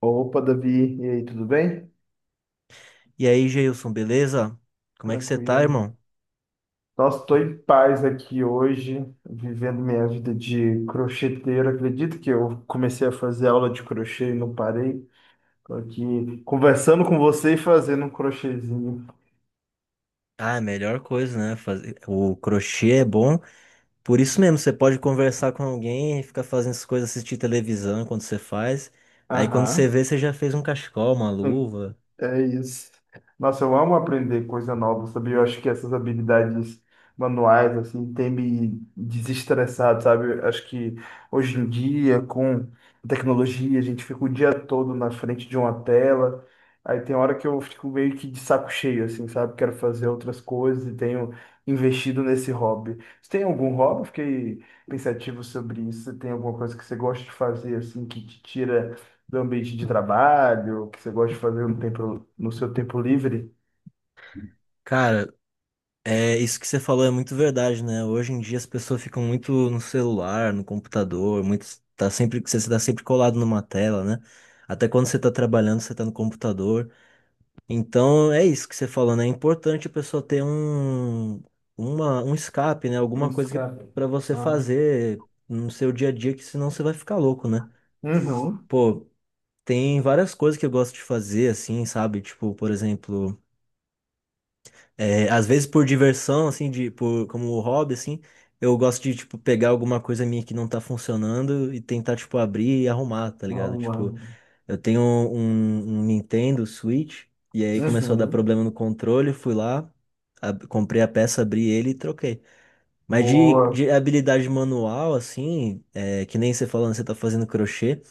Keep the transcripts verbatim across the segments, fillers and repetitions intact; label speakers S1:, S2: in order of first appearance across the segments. S1: Opa, Davi, e aí, tudo bem?
S2: E aí, Geilson, beleza? Como é que você tá,
S1: Tranquilo.
S2: irmão?
S1: Nossa, estou em paz aqui hoje, vivendo minha vida de crocheteiro. Acredito que eu comecei a fazer aula de crochê e não parei. Estou aqui conversando com você e fazendo um crochêzinho.
S2: Ah, a melhor coisa, né? Fazer... O crochê é bom. Por isso mesmo, você pode conversar com alguém, ficar fazendo essas coisas, assistir televisão enquanto você faz. Aí quando você
S1: Aham.
S2: vê, você já fez um cachecol, uma luva.
S1: É isso. Nossa, eu amo aprender coisa nova, sabe? Eu acho que essas habilidades manuais, assim, têm me desestressado, sabe? Eu Acho que hoje em dia, com a tecnologia, a gente fica o dia todo na frente de uma tela. Aí tem hora que eu fico meio que de saco cheio, assim, sabe? Quero fazer outras coisas e tenho investido nesse hobby. Você tem algum hobby? Fiquei pensativo sobre isso. Você tem alguma coisa que você gosta de fazer, assim, que te tira do ambiente de trabalho, que você gosta de fazer no tempo, no seu tempo livre?
S2: Cara, é isso que você falou é muito verdade, né? Hoje em dia as pessoas ficam muito no celular, no computador, muito tá sempre você está sempre colado numa tela, né? Até quando você tá trabalhando, você tá no computador. Então é isso que você falou, né? É importante a pessoa ter um, uma, um escape, né? Alguma
S1: Nossa,
S2: coisa que,
S1: cara.
S2: pra você
S1: Ah.
S2: fazer no seu dia a dia, que senão você vai ficar louco, né?
S1: Uhum.
S2: Pô, tem várias coisas que eu gosto de fazer, assim, sabe? Tipo, por exemplo, é, às vezes por diversão, assim, de, por, como hobby, assim, eu gosto de, tipo, pegar alguma coisa minha que não tá funcionando e tentar, tipo, abrir e arrumar, tá ligado? Tipo,
S1: Uhum.
S2: eu tenho um, um Nintendo Switch e aí começou a dar
S1: Uhum.
S2: problema no controle, fui lá, ab- comprei a peça, abri ele e troquei. Mas de,
S1: Boa.
S2: de habilidade manual, assim, é, que nem você falando, você tá fazendo crochê,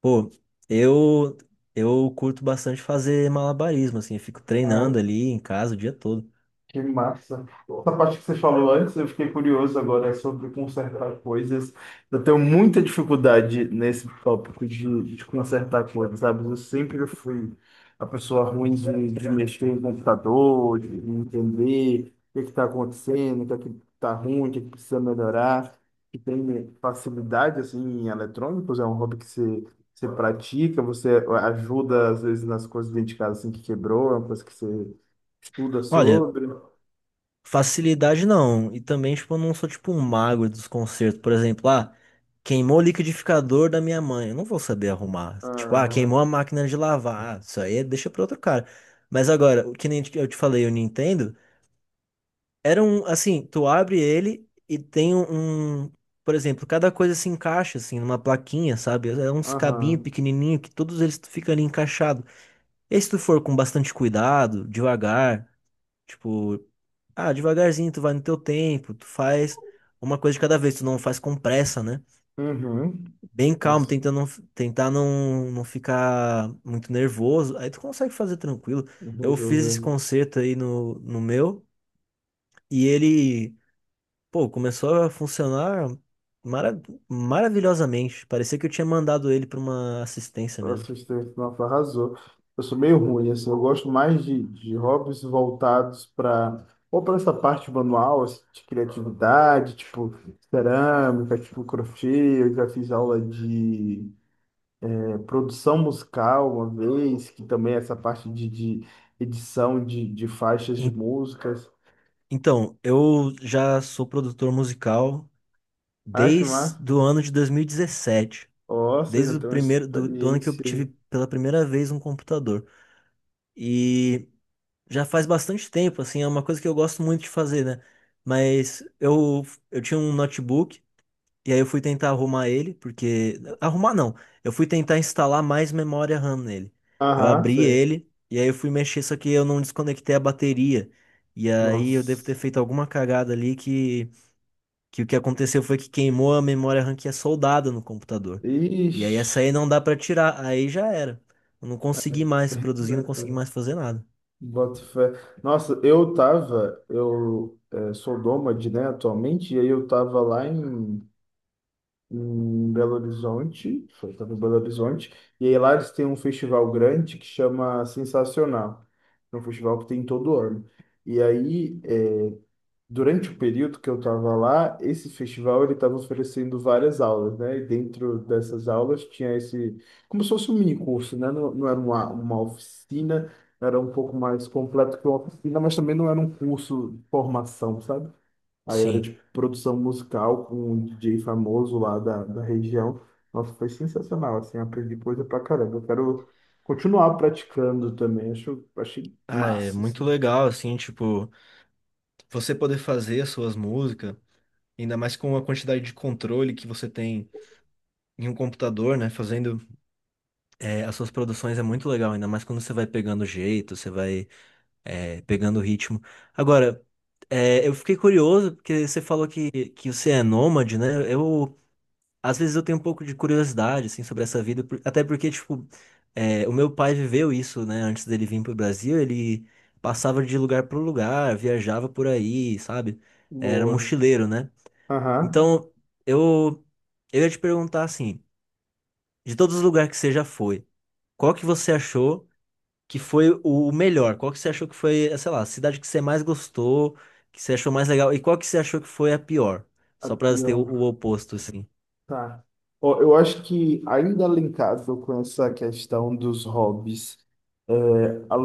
S2: pô, eu eu curto bastante fazer malabarismo, assim, eu fico treinando ali em casa o dia todo.
S1: Que massa. Essa parte que você falou antes, eu fiquei curioso agora sobre consertar coisas. Eu tenho muita dificuldade nesse tópico de, de consertar coisas, sabe? Eu sempre fui a pessoa ruim de, de mexer no computador, de entender o que está acontecendo, o que está ruim, o que é que precisa melhorar. E tem facilidade, assim, em eletrônicos, é um hobby que você, você pratica, você ajuda, às vezes, nas coisas dentro de casa, assim, que quebrou, é uma coisa que você estuda
S2: Olha,
S1: sobre.
S2: facilidade não. E também, tipo, eu não sou tipo um mago dos consertos. Por exemplo, ah, queimou o liquidificador da minha mãe. Eu não vou saber arrumar.
S1: Ah.
S2: Tipo, ah, queimou
S1: Aham.
S2: a máquina de lavar. Ah, isso aí é- deixa pra outro cara. Mas agora, o que nem eu te falei, o Nintendo, era um, assim, tu abre ele e tem um, um- por exemplo, cada coisa se encaixa, assim, numa plaquinha, sabe? É uns cabinhos
S1: Aham.
S2: pequenininho que todos eles ficam ali encaixados. E se tu for com bastante cuidado, devagar. Tipo, ah, devagarzinho, tu vai no teu tempo, tu faz uma coisa de cada vez, tu não faz com pressa, né?
S1: Uhum.
S2: Bem calmo,
S1: Nossa,
S2: tentando não, tentar não, não ficar muito nervoso. Aí tu consegue fazer tranquilo. Eu fiz esse
S1: resolveu.
S2: concerto aí no, no meu e ele, pô, começou a funcionar mara maravilhosamente. Parecia que eu tinha mandado ele pra uma assistência mesmo.
S1: Assistente, nossa, arrasou. Eu sou meio ruim, assim, eu gosto mais de, de hobbies voltados para ou para essa parte manual, assim, de criatividade, tipo cerâmica, tipo crochê, eu já fiz aula de é, produção musical uma vez, que também é essa parte de, de edição de, de faixas de
S2: En-
S1: músicas.
S2: Então, eu já sou produtor musical
S1: Ah, que massa!
S2: desde o ano de dois mil e dezessete.
S1: Nossa, eu já
S2: Desde o
S1: tenho uma
S2: primeiro do, do ano que eu tive
S1: experiência.
S2: pela primeira vez um computador. E já faz bastante tempo, assim, é uma coisa que eu gosto muito de fazer, né? Mas eu, eu tinha um notebook e aí eu fui tentar arrumar ele, porque. Arrumar não. Eu fui tentar instalar mais memória RAM nele. Eu
S1: Aham,
S2: abri
S1: sei.
S2: ele e aí eu fui mexer, só que eu não desconectei a bateria. E aí eu devo ter
S1: Nossa.
S2: feito alguma cagada ali que que o que aconteceu foi que queimou a memória RAM que é soldada no computador. E aí
S1: Ixi.
S2: essa aí não dá pra tirar, aí já era. Eu não consegui mais produzir, não consegui mais fazer nada.
S1: Boto fé. Nossa, eu tava, eu eh, sou nômade, né, atualmente, e aí eu tava lá em, em Belo Horizonte, foi, tava em Belo Horizonte, e aí lá eles têm um festival grande que chama Sensacional, é um festival que tem todo ano. E aí, é, durante o período que eu estava lá, esse festival ele estava oferecendo várias aulas, né? E dentro dessas aulas tinha esse, como se fosse um mini curso, né? Não, não era uma, uma oficina, era um pouco mais completo que uma oficina, mas também não era um curso de formação, sabe? Aí era
S2: Sim.
S1: de produção musical com um D J famoso lá da, da região. Nossa, foi sensacional, assim, aprendi coisa pra caramba. Eu quero continuar praticando também, acho, achei
S2: Ah, é
S1: massa,
S2: muito
S1: assim.
S2: legal, assim, tipo, você poder fazer as suas músicas, ainda mais com a quantidade de controle que você tem em um computador, né? Fazendo eh, as suas produções é muito legal, ainda mais quando você vai pegando o jeito, você vai eh, pegando o ritmo. Agora, eh, eu fiquei curioso, porque você falou que, que você é nômade, né? Eu às vezes eu tenho um pouco de curiosidade, assim, sobre essa vida, por- até porque, tipo, é, o meu pai viveu isso, né, antes dele vir pro Brasil, ele passava de lugar pro lugar, viajava por aí, sabe? Era
S1: Boa.
S2: mochileiro, né?
S1: Aham.
S2: Então, eu, eu ia te perguntar, assim, de todos os lugares que você já foi, qual que você achou que foi o melhor? Qual que você achou que foi, eh, sei lá, a cidade que você mais gostou, que você achou mais legal, e qual que você achou que foi a pior?
S1: A
S2: Só pra ter o, o
S1: pior.
S2: oposto, assim.
S1: Tá. Ó, eu acho que ainda linkado com essa questão dos hobbies, é, a,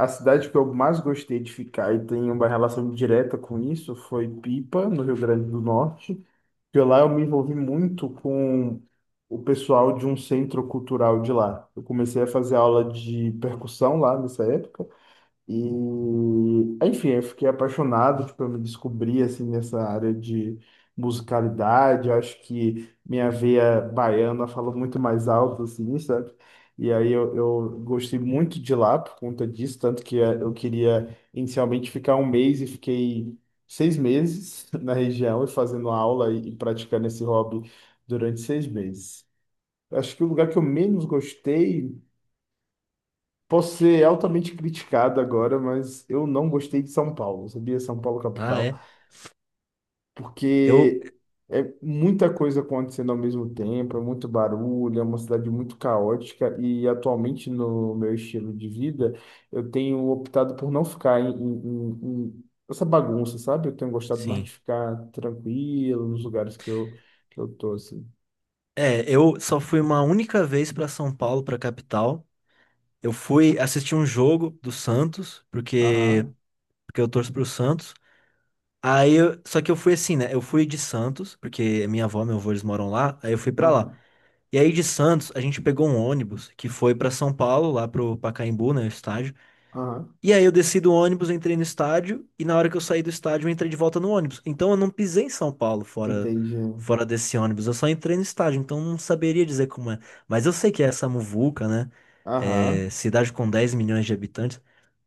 S1: a, a cidade que eu mais gostei de ficar e tem uma relação direta com isso foi Pipa, no Rio Grande do Norte, que lá eu me envolvi muito com o pessoal de um centro cultural de lá. Eu comecei a fazer aula de percussão lá nessa época. E, enfim, eu fiquei apaixonado, tipo, eu me descobri, assim, nessa área de musicalidade. Eu acho que minha veia baiana fala muito mais alto, assim, sabe? E aí eu, eu gostei muito de lá por conta disso, tanto que eh, eu queria inicialmente ficar um mês e fiquei seis meses na região e fazendo aula e, e praticando esse hobby durante seis meses. Acho que o lugar que eu menos gostei. Posso ser altamente criticado agora, mas eu não gostei de São Paulo, sabia? São Paulo
S2: Ah,
S1: capital,
S2: é? Eu,
S1: porque é muita coisa acontecendo ao mesmo tempo, é muito barulho, é uma cidade muito caótica e atualmente no meu estilo de vida eu tenho optado por não ficar em, em- em- em essa bagunça, sabe? Eu tenho gostado mais de
S2: sim.
S1: ficar tranquilo nos lugares que eu que eu tô assim.
S2: É, eu só fui uma única vez para São Paulo, para capital. Eu fui assistir um jogo do Santos, porque
S1: Aham,
S2: porque eu torço pro Santos. Aí, eu- só que eu fui assim, né? Eu fui de Santos, porque minha avó, meu avô, eles moram lá. Aí eu fui para lá.
S1: aham,
S2: E aí de Santos, a gente pegou um ônibus que foi para São Paulo, lá pro Pacaembu, né, o estádio.
S1: aham,
S2: E aí eu desci do ônibus, entrei no estádio, e na hora que eu saí do estádio, eu entrei de volta no ônibus. Então eu não pisei em São Paulo fora,
S1: entendi.
S2: fora desse ônibus, eu só entrei no estádio, então não saberia dizer como é. Mas eu sei que é essa muvuca, né? É,
S1: Aham.
S2: cidade com dez milhões de habitantes.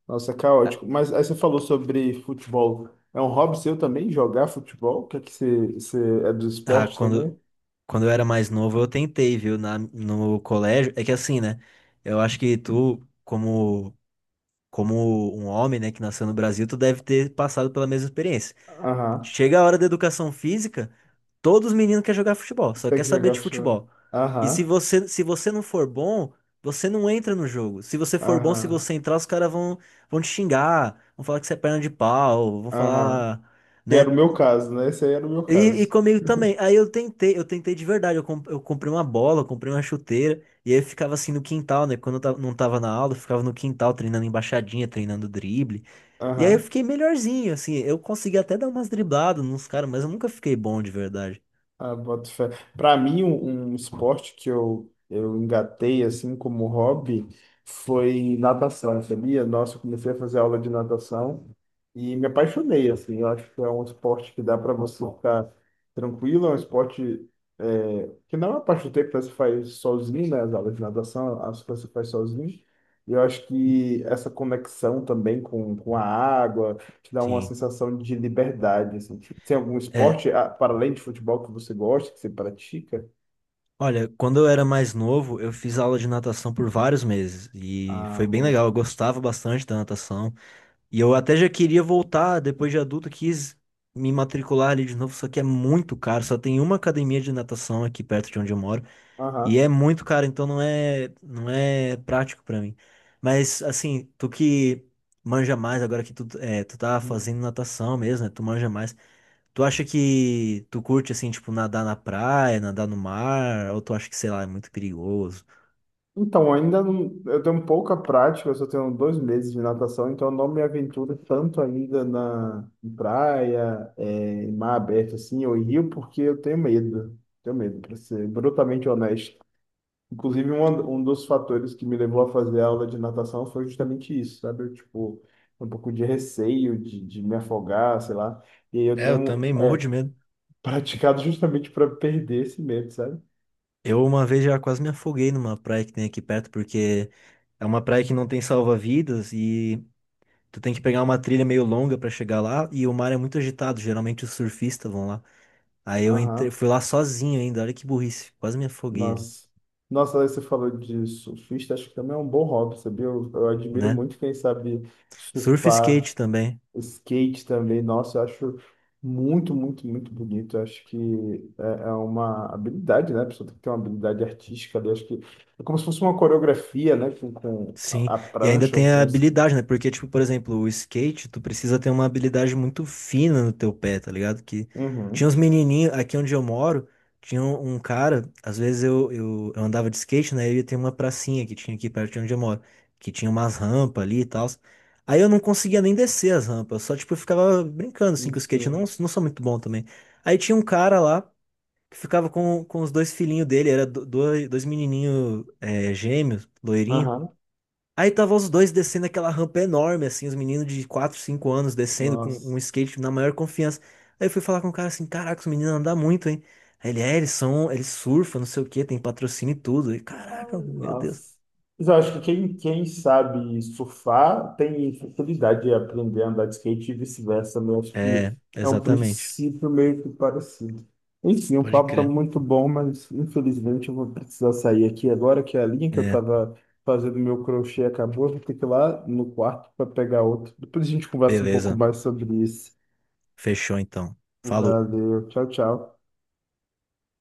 S1: Nossa, é
S2: Ah,
S1: caótico. Mas aí você falou sobre futebol. É um hobby seu também jogar futebol? Quer que você, você é do
S2: ah,
S1: esporte
S2: quando,
S1: também?
S2: quando eu era mais novo, eu tentei, viu, na, no colégio. É que assim, né? Eu acho que tu, como, como um homem, né, que nasceu no Brasil, tu deve ter passado pela mesma experiência.
S1: Aham.
S2: Chega a hora da educação física. Todos os meninos querem jogar futebol, só
S1: Tem
S2: quer
S1: que
S2: saber
S1: jogar
S2: de
S1: futebol.
S2: futebol. E se
S1: Aham.
S2: você, se você não for bom, você não entra no jogo. Se você for bom, se
S1: Aham.
S2: você entrar, os caras vão, vão te xingar, vão falar que você é perna de pau, vão
S1: Aham.
S2: falar,
S1: Que era
S2: né?
S1: o meu caso, né? Esse aí era o meu
S2: E, e
S1: caso.
S2: comigo também. Aí eu tentei, eu tentei de verdade. Eu, com- eu comprei uma bola, eu comprei uma chuteira, e aí eu ficava assim no quintal, né? Quando eu ta- não tava na aula, eu ficava no quintal treinando embaixadinha, treinando drible. E aí eu
S1: Aham.
S2: fiquei melhorzinho, assim. Eu consegui até dar umas dribladas nos caras, mas eu nunca fiquei bom de verdade.
S1: Ah, boto fé. Para mim, um, um esporte que eu, eu engatei assim como hobby foi natação, sabia? Nossa, eu comecei a fazer aula de natação e me apaixonei, assim. Eu acho que é um esporte que dá para você ficar tranquilo, é um esporte é, que não é uma parte do tempo que você faz sozinho, né? As aulas de natação, as que você faz sozinho. E eu acho que essa conexão também com, com a água, te dá uma
S2: Sim.
S1: sensação de liberdade, assim. Tem algum
S2: É,
S1: esporte, ah, para além de futebol, que você gosta, que você pratica?
S2: olha, quando eu era mais novo, eu fiz aula de natação por vários meses e
S1: Ah,
S2: foi bem
S1: bom.
S2: legal. Eu gostava bastante da natação e eu até já queria voltar depois de adulto, quis me matricular ali de novo, só que é muito caro. Só tem uma academia de natação aqui perto de onde eu moro e
S1: Aham.
S2: é muito caro, então não é não é prático pra mim. Mas assim, tu que manja mais agora que tu é, tu tá fazendo natação mesmo, né? Tu manja mais. Tu acha que tu curte assim, tipo, nadar na praia, nadar no mar, ou tu acha que, sei lá, é muito perigoso?
S1: Então, ainda não, eu tenho pouca prática, eu só tenho dois meses de natação, então eu não me aventuro tanto ainda na em praia, é, em mar aberto, assim, ou em rio, porque eu tenho medo. Tenho medo, para ser brutalmente honesto. Inclusive, um, um dos fatores que me levou a fazer aula de natação foi justamente isso, sabe? Eu, tipo, um pouco de receio de, de me afogar, sei lá. E aí eu
S2: É, eu
S1: tenho
S2: também morro de medo.
S1: praticado justamente para perder esse medo, sabe?
S2: Eu uma vez já quase me afoguei numa praia que tem aqui perto, porque é uma praia que não tem salva-vidas e tu tem que pegar uma trilha meio longa pra chegar lá e o mar é muito agitado, geralmente os surfistas vão lá. Aí eu entrei,
S1: Aham.
S2: fui lá sozinho ainda, olha que burrice, quase me afoguei ali,
S1: Nossa. Nossa, aí você falou de surfista, acho que também é um bom hobby, sabia? Eu, eu admiro
S2: né?
S1: muito quem sabe
S2: Surf e
S1: surfar.
S2: skate também.
S1: O skate também, nossa, eu acho muito, muito, muito bonito. Eu acho que é, é uma habilidade, né? A pessoa tem que ter uma habilidade artística ali. Eu Acho que é como se fosse uma coreografia, né? Com, com
S2: Sim,
S1: a a
S2: e ainda
S1: prancha ou
S2: tem a
S1: com o sk-
S2: habilidade, né? Porque, tipo, por exemplo, o skate, tu precisa ter uma habilidade muito fina no teu pé, tá ligado? Que tinha
S1: Uhum.
S2: uns menininhos, aqui onde eu moro, tinha um um cara, às vezes eu, eu, eu andava de skate, né? E ia ter uma pracinha que tinha aqui perto de onde eu moro, que tinha umas rampas ali e tal. Aí eu não conseguia nem descer as rampas, só, tipo, eu ficava brincando, assim, com o skate, eu não,
S1: Isso.
S2: não sou muito bom também. Aí tinha um cara lá, que ficava com, com os dois filhinhos dele, era do- dois, dois menininhos, é, gêmeos, loirinhos.
S1: Aham.
S2: Aí tava os dois descendo aquela rampa enorme, assim, os meninos de quatro, cinco anos descendo com
S1: Nossa.
S2: um skate na maior confiança. Aí eu fui falar com o cara assim, caraca, os meninos andam muito, hein? Aí ele, é, eles são, eles surfam, não sei o quê, tem patrocínio e tudo. E caraca, meu Deus.
S1: Nossa. Mas eu acho que quem, quem sabe surfar tem facilidade de aprender a andar de skate e vice-versa, né? Eu acho
S2: É,
S1: que é um
S2: exatamente.
S1: princípio meio que parecido. Enfim, o
S2: Pode
S1: papo está
S2: crer.
S1: muito bom, mas infelizmente eu vou precisar sair aqui agora, que a linha que eu
S2: É,
S1: estava fazendo meu crochê acabou. Eu Vou ter que ir lá no quarto para pegar outro. Depois a gente conversa um pouco
S2: beleza.
S1: mais sobre isso.
S2: Fechou então. Falou.
S1: Valeu, tchau, tchau.